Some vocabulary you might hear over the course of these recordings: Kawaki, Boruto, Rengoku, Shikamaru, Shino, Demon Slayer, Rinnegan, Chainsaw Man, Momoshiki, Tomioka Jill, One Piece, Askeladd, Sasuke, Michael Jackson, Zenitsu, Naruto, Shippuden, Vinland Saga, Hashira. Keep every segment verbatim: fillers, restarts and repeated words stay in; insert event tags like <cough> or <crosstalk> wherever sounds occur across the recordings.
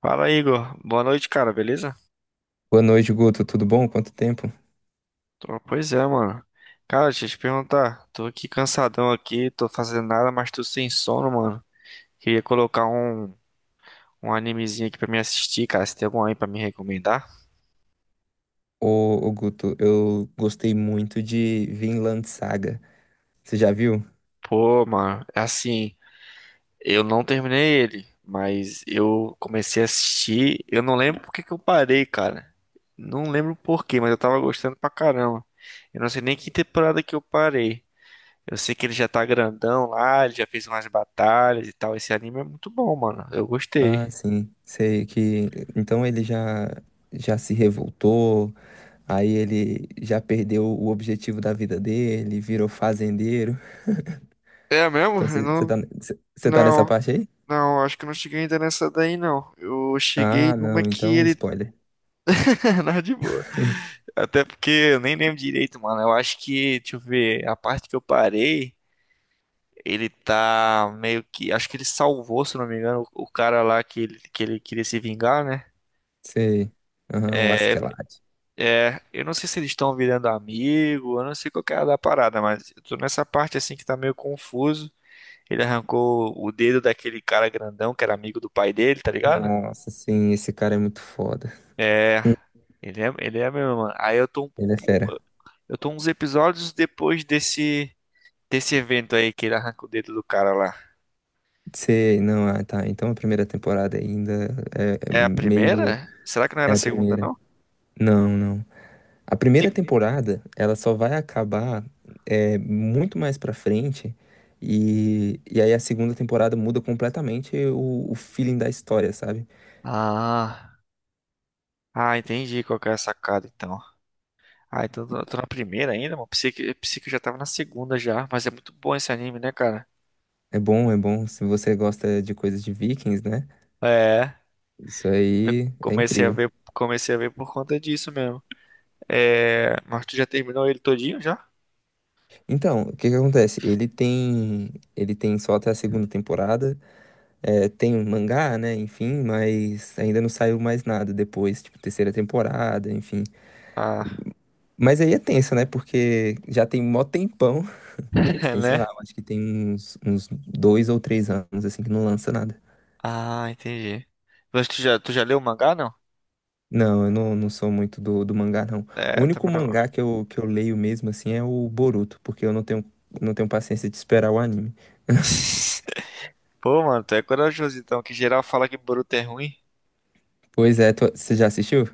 Fala, Igor. Boa noite, cara, beleza? Boa noite, Guto. Tudo bom? Quanto tempo? Tô- Pois é, mano. Cara, deixa eu te perguntar. Tô aqui cansadão aqui, tô fazendo nada, mas tô sem sono, mano. Queria colocar um, um animezinho aqui pra me assistir, cara. Se tem algum aí pra me recomendar? Ô, ô, Guto, eu gostei muito de Vinland Saga. Você já viu? Pô, mano, é assim, eu não terminei ele, mas eu comecei a assistir. Eu não lembro por que que eu parei, cara. Não lembro por quê, mas eu tava gostando pra caramba. Eu não sei nem que temporada que eu parei. Eu sei que ele já tá grandão lá, ele já fez umas batalhas e tal. Esse anime é muito bom, mano. Eu gostei. Ah, sim. Sei que. Então ele já, já se revoltou, aí ele já perdeu o objetivo da vida dele, virou fazendeiro. É mesmo? Então Eu você você não, tá, você você tá nessa não, parte aí? não, acho que eu não cheguei ainda nessa daí, não. Eu cheguei Ah, numa não. que Então, ele. spoiler. <laughs> Não, de boa. <laughs> Até porque eu nem lembro direito, mano. Eu acho que, deixa eu ver, a parte que eu parei, ele tá meio que. Acho que ele salvou, se não me engano, o o cara lá que ele, que ele queria se vingar, né? Sei. Aham, o É, Askeladd. É, eu não sei se eles estão virando amigo, eu não sei qual que é da parada, mas eu tô nessa parte assim que tá meio confuso. Ele arrancou o dedo daquele cara grandão que era amigo do pai dele, tá ligado? Nossa, sim, esse cara é muito foda. É, <laughs> ele é, ele é mesmo, mano. Aí eu tô, um- Ele é um- fera. eu tô uns episódios depois desse, desse evento aí que ele arranca o dedo do cara lá. Sei, não, ah, tá. Então a primeira temporada ainda é, é É a meio. primeira? Será que não era É a a segunda, primeira. não? Não, não. A Tem primeira primeira? temporada, ela só vai acabar é, muito mais pra frente. E, e aí a segunda temporada muda completamente o, o feeling da história, sabe? Ah, ah, entendi qual que é a sacada então. Ah, então tô, tô na primeira ainda, mano. Pensei que, pensei que eu já tava na segunda já. Mas é muito bom esse anime, né, cara? É bom, é bom. Se você gosta de coisas de Vikings, né? É, Isso aí é comecei a incrível. ver, comecei a ver por conta disso mesmo. É, mas tu já terminou ele todinho já? Então, o que que acontece? Ele tem, ele tem só até a segunda temporada. É, tem um mangá, né? Enfim, mas ainda não saiu mais nada depois, tipo, terceira temporada, enfim. Ah, Mas aí é tenso, né? Porque já tem mó tempão. <laughs> <laughs> Tem, sei lá, né? eu acho que tem uns, uns dois ou três anos, assim, que não lança nada. Ah, entendi. Mas tu já, tu já leu o mangá, não? Não, eu não, não sou muito do, do mangá, não. O É, único também vendo agora. mangá que eu, que eu leio mesmo, assim, é o Boruto, porque eu não tenho, não tenho paciência de esperar o anime. <laughs> Pô, mano, tu é corajoso então, que geral fala que Boruto é ruim. Pois é, tu- você já assistiu?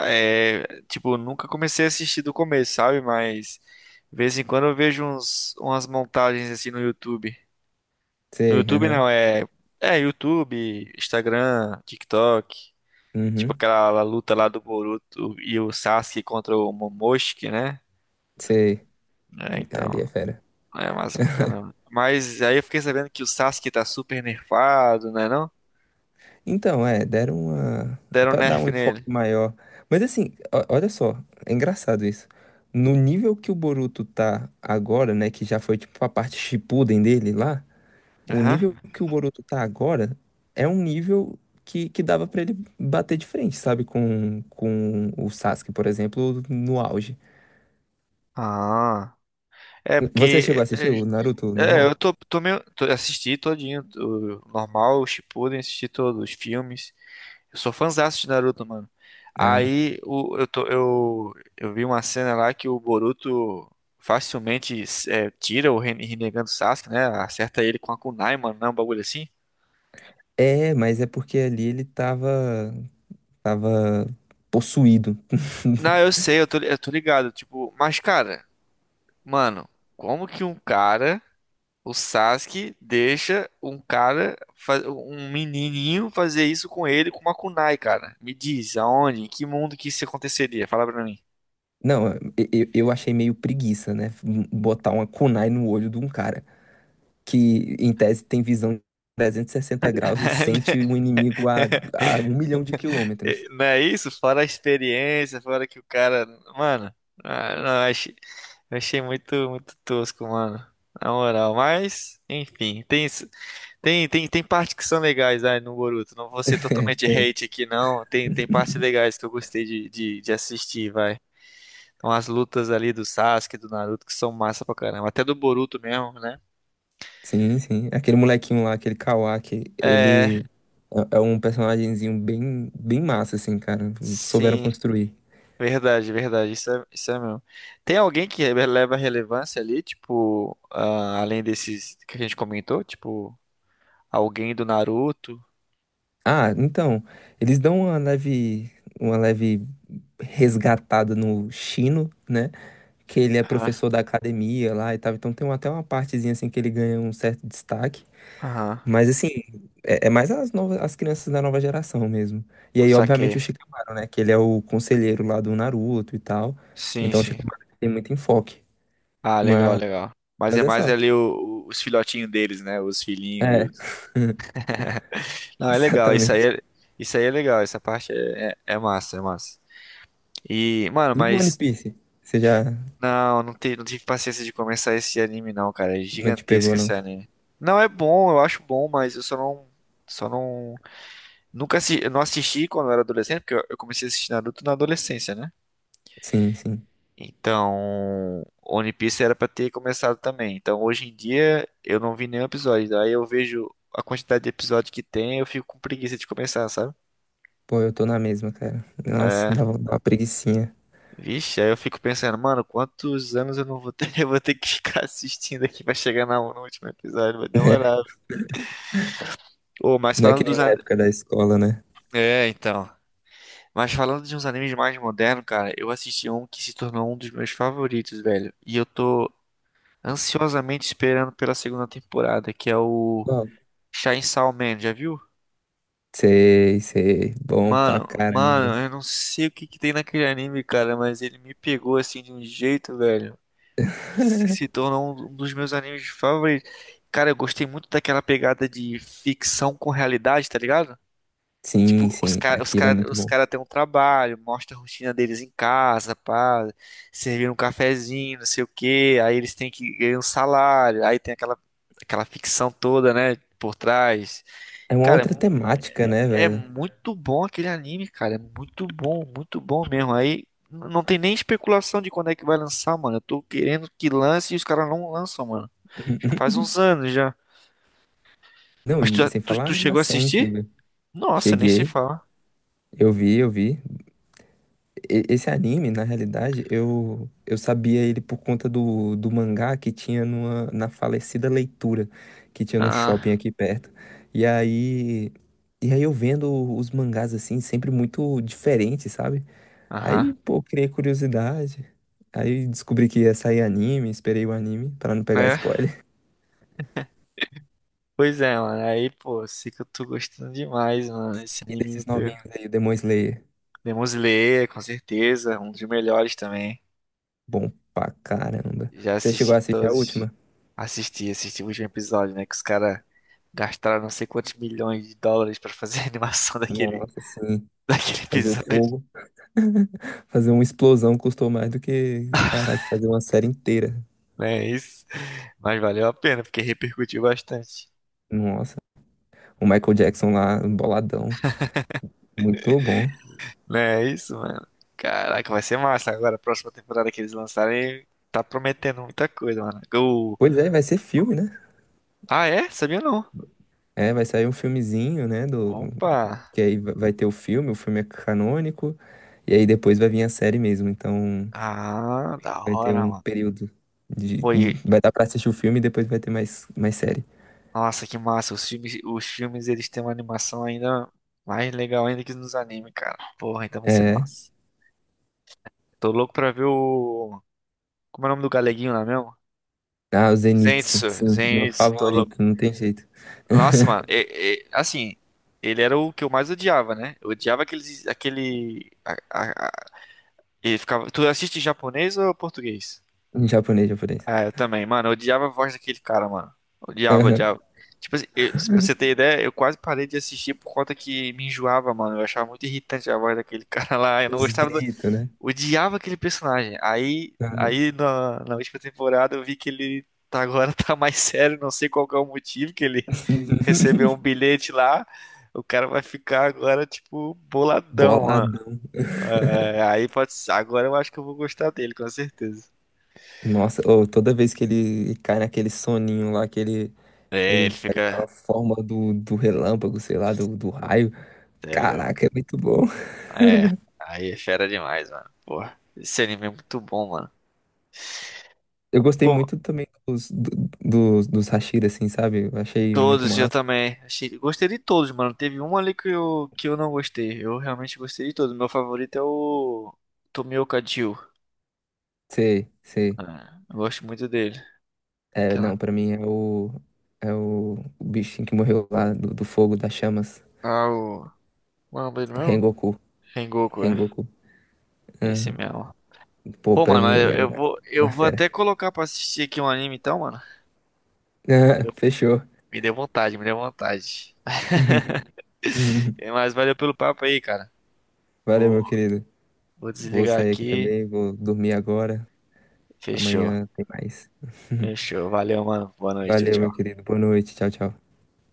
É, tipo, nunca comecei a assistir do começo, sabe? Mas, de vez em quando eu vejo uns, umas montagens assim no YouTube. No Sei, YouTube aham. não, é. É, YouTube, Instagram, TikTok. Tipo Uhum, aquela luta lá do Boruto e o Sasuke contra o Momoshiki, né? sei. É, Ali é então, fera. é massa pra caramba. Mas aí eu fiquei sabendo que o Sasuke tá super nerfado, né não? Então, é, deram uma. Deram Pra dar nerf um enfoque nele. maior. Mas assim, o- olha só, é engraçado isso. No nível que o Boruto tá agora, né, que já foi tipo a parte Shippuden dele lá, o Aham. nível que o Boruto tá agora é um nível que, que dava pra ele bater de frente, sabe? Com, com o Sasuke, por exemplo, no auge. Ah. É, Você chegou a porque. assistir o Naruto É, é, eu normal? tô, tô meio. Tô, assisti todinho, o normal, o Shippuden, assisti todos os filmes. Eu sou fãzaço de Naruto, mano. Ah, Aí o- eu, tô- eu, eu vi uma cena lá que o Boruto facilmente é, tira o Ren- Rinnegan do Sasuke, né? Acerta ele com a kunai, mano, não, é um bagulho assim. é, mas é porque ali ele tava, tava possuído. Não, eu sei, eu tô, eu tô ligado, tipo, mas cara, mano, como que um cara, o Sasuke, deixa um cara, fa- um menininho fazer isso com ele com uma kunai, cara? Me diz, aonde, em que mundo que isso aconteceria? Fala pra mim. Não, eu, eu eu achei meio preguiça, né? Botar uma kunai no olho de um cara que, em tese, tem visão de trezentos e sessenta graus e sente <laughs> o inimigo a, a um milhão de quilômetros. É, Não é isso? Fora a experiência, fora que o cara. Mano, ah, não, eu achei, eu achei muito, muito tosco, mano. Na moral, mas, enfim, tem, isso- tem, tem, tem partes que são legais aí no Boruto. Não vou ser <laughs> É, totalmente tem. hate aqui, não. Tem, tem partes legais que eu gostei de, de, de assistir, vai. Então, as lutas ali do Sasuke, do Naruto, que são massa pra caramba. Até do Boruto mesmo, né? Sim, sim. Aquele molequinho lá, aquele Kawaki, É, ele é é um personagemzinho bem, bem massa, assim, cara. Souberam sim. construir. Verdade, verdade, isso é, isso é mesmo. Tem alguém que leva relevância ali, tipo, ah, além desses que a gente comentou, tipo, alguém do Naruto? Ah, então, eles dão uma leve, uma leve resgatada no Shino, né? Que ele é Aham, professor da academia lá e tal. Então tem até uma partezinha assim que ele ganha um certo destaque. aham, Mas assim, é, é mais as novas, as crianças da nova geração mesmo. E aí, obviamente, o saquei. Shikamaru, né? Que ele é o conselheiro lá do Naruto e tal. Sim, Então o sim. Shikamaru tem muito enfoque. Ah, legal, Mas, legal. Mas mas é é mais só. ali o- o- os filhotinhos deles, né? Os filhinhos e É, os... <laughs> Não, é legal, isso aí exatamente. é, isso aí é legal, essa parte é, é, é massa, é massa. E, mano, E o One mas Piece? Você já Não, não, te- não tive paciência de começar esse anime, não, cara. É não te gigantesco pegou, esse não? anime. Não é bom, eu acho bom, mas eu só não. Só não. Nunca assi- eu não assisti quando eu era adolescente, porque eu eu comecei a assistir Naruto na adolescência, né? Sim, sim. Então. One Piece era pra ter começado também. Então hoje em dia eu não vi nenhum episódio. Aí eu vejo a quantidade de episódio que tem, eu fico com preguiça de começar, sabe? Pô, eu tô na mesma, cara. Nossa, É, dá, uma- dá uma preguicinha. Vixe, aí eu fico pensando, mano, quantos anos eu não vou ter? <laughs> Eu vou ter que ficar assistindo aqui pra chegar na- no último episódio, vai demorar. <laughs> Ô, mas Não é falando que dos nem na an... época da escola, né? É, então. Mas falando de uns animes mais modernos, cara, eu assisti um que se tornou um dos meus favoritos, velho. E eu tô ansiosamente esperando pela segunda temporada, que é o Qual? Chainsaw Man, já viu? Sei, sei. Bom pra Mano, mano, caramba. eu não sei o que que tem naquele anime, cara, mas ele me pegou assim de um jeito, velho, que se se tornou um um dos meus animes favoritos. Cara, eu gostei muito daquela pegada de ficção com realidade, tá ligado? Sim, Tipo, os sim, caras os aquilo é cara, muito os bom. cara têm um trabalho, mostra a rotina deles em casa, pá, servir um cafezinho, não sei o quê, aí eles têm que ganhar um salário, aí tem aquela, aquela ficção toda, né, por trás. É uma Cara, é, outra mu- temática, né, é velho? muito bom aquele anime, cara, é muito bom, muito bom mesmo. Aí n- não tem nem especulação de quando é que vai lançar, mano. Eu tô querendo que lance e os caras não lançam, mano. Já faz <laughs> uns anos já. Não, Mas tu, e já- sem tu, falar a tu chegou a animação assistir? incrível. Nossa, nem se Cheguei, fala. eu vi, eu vi. E- Esse anime, na realidade, eu, eu sabia ele por conta do, do mangá que tinha numa, na falecida leitura, que tinha no shopping Ah, aqui perto. E aí, e aí eu vendo os mangás assim, sempre muito diferentes, sabe? Aí, aham. pô, criei curiosidade. Aí descobri que ia sair anime, esperei o anime pra não pegar É. spoiler. <laughs> Pois é, mano. Aí, pô, sei que eu tô gostando demais, mano. Esse E anime me desses pegou. novinhos aí, o Demon Slayer. Demon Slayer, com certeza. Um dos melhores também. Bom pra caramba. Já Você chegou assisti a assistir a todos. última? Assisti, assisti o último episódio, né? Que os caras gastaram não sei quantos milhões de dólares pra fazer a animação <laughs> daquele, Nossa, sim. daquele Fazer o episódio. fogo, fazer uma explosão custou mais do que, caraca, fazer uma série inteira. Né, é isso. Mas valeu a pena, porque repercutiu bastante. Nossa, o Michael Jackson lá, boladão. Muito bom. Né, é isso, mano. Caraca, vai ser massa. Agora, a próxima temporada que eles lançarem, tá prometendo muita coisa, mano. O... Pois é, vai ser filme, né? Ah, é? Sabia não. É, vai sair um filmezinho, né? Do... Opa! Que aí va- vai ter o filme, o filme é canônico, e aí depois vai vir a série mesmo. Então Ah, da vai ter hora, um mano. período de. Foi, Vai dar pra assistir o filme e depois vai ter mais, mais série. nossa, que massa. Os filmes, os filmes, eles têm uma animação ainda mais legal ainda que nos animes, cara. Porra, então vai ser É. massa. Tô louco pra ver o... Como é o nome do galeguinho lá mesmo? Ah, o Zenitsu, Zenitsu, sim, meu Zenitsu, tô louco. favorito, não tem jeito. Nossa, mano, é- é- assim, ele era o que eu mais odiava, né? Eu odiava aqueles, aquele... a- a- a- ele ficava... Tu assiste em japonês ou português? Em japonês, japonês. É, eu também, mano. Eu odiava a voz daquele cara, mano. Odiava, Aham. odiava. Tipo assim, eu, se- pra você ter ideia, eu quase parei de assistir por conta que me enjoava, mano. Eu achava muito irritante a voz daquele <laughs> cara lá. Eu não Os gostava do... gritos, né? Odiava aquele personagem. Aí, Aham. aí na, na última temporada eu vi que ele tá agora <laughs> tá mais sério. Não sei qual que é o motivo que ele <laughs> recebeu um <laughs> bilhete lá. O cara vai ficar agora, tipo, boladão, mano. Boladão. É, aí pode... ser- agora eu acho que eu vou gostar dele, com certeza. Nossa, ô, toda vez que ele cai naquele soninho lá, que ele É, ele ele faz lá fica... a forma do, do relâmpago, sei lá, do, do raio. Caraca, é muito bom. É, aí é fera demais, mano. Porra, esse anime é muito bom, mano. Eu gostei Pô, muito também dos, do- dos, dos Hashira, assim, sabe? Eu achei muito todos eu massa. também. Achei, gostei de todos, mano. Teve um ali que eu, que eu não gostei. Eu realmente gostei de todos. Meu favorito é o Tomioka Jill. Sei, sei. Ah, eu gosto muito dele. É, Aquela. não, pra mim é o, é o, o bichinho que morreu lá do, do fogo, das chamas. Ah, o. Qual é o nome dele mesmo? Rengoku. Rengoku, é. Rengoku. Esse Aham. mesmo. Pô, Pô, pra mano, mim mas eu, ele era eu uma, vou, eu uma vou fera. até <laughs> colocar pra assistir aqui um anime então, mano. Ah, fechou. Me deu vontade, me deu vontade. <laughs> Uhum. Mas valeu pelo papo aí, cara. Valeu, Pô, meu querido. vou Vou desligar sair aqui aqui. também, vou dormir agora. Fechou. Amanhã tem mais. Fechou. Valeu, mano. Boa noite. Valeu, meu Tchau. querido. Boa noite. Tchau, tchau.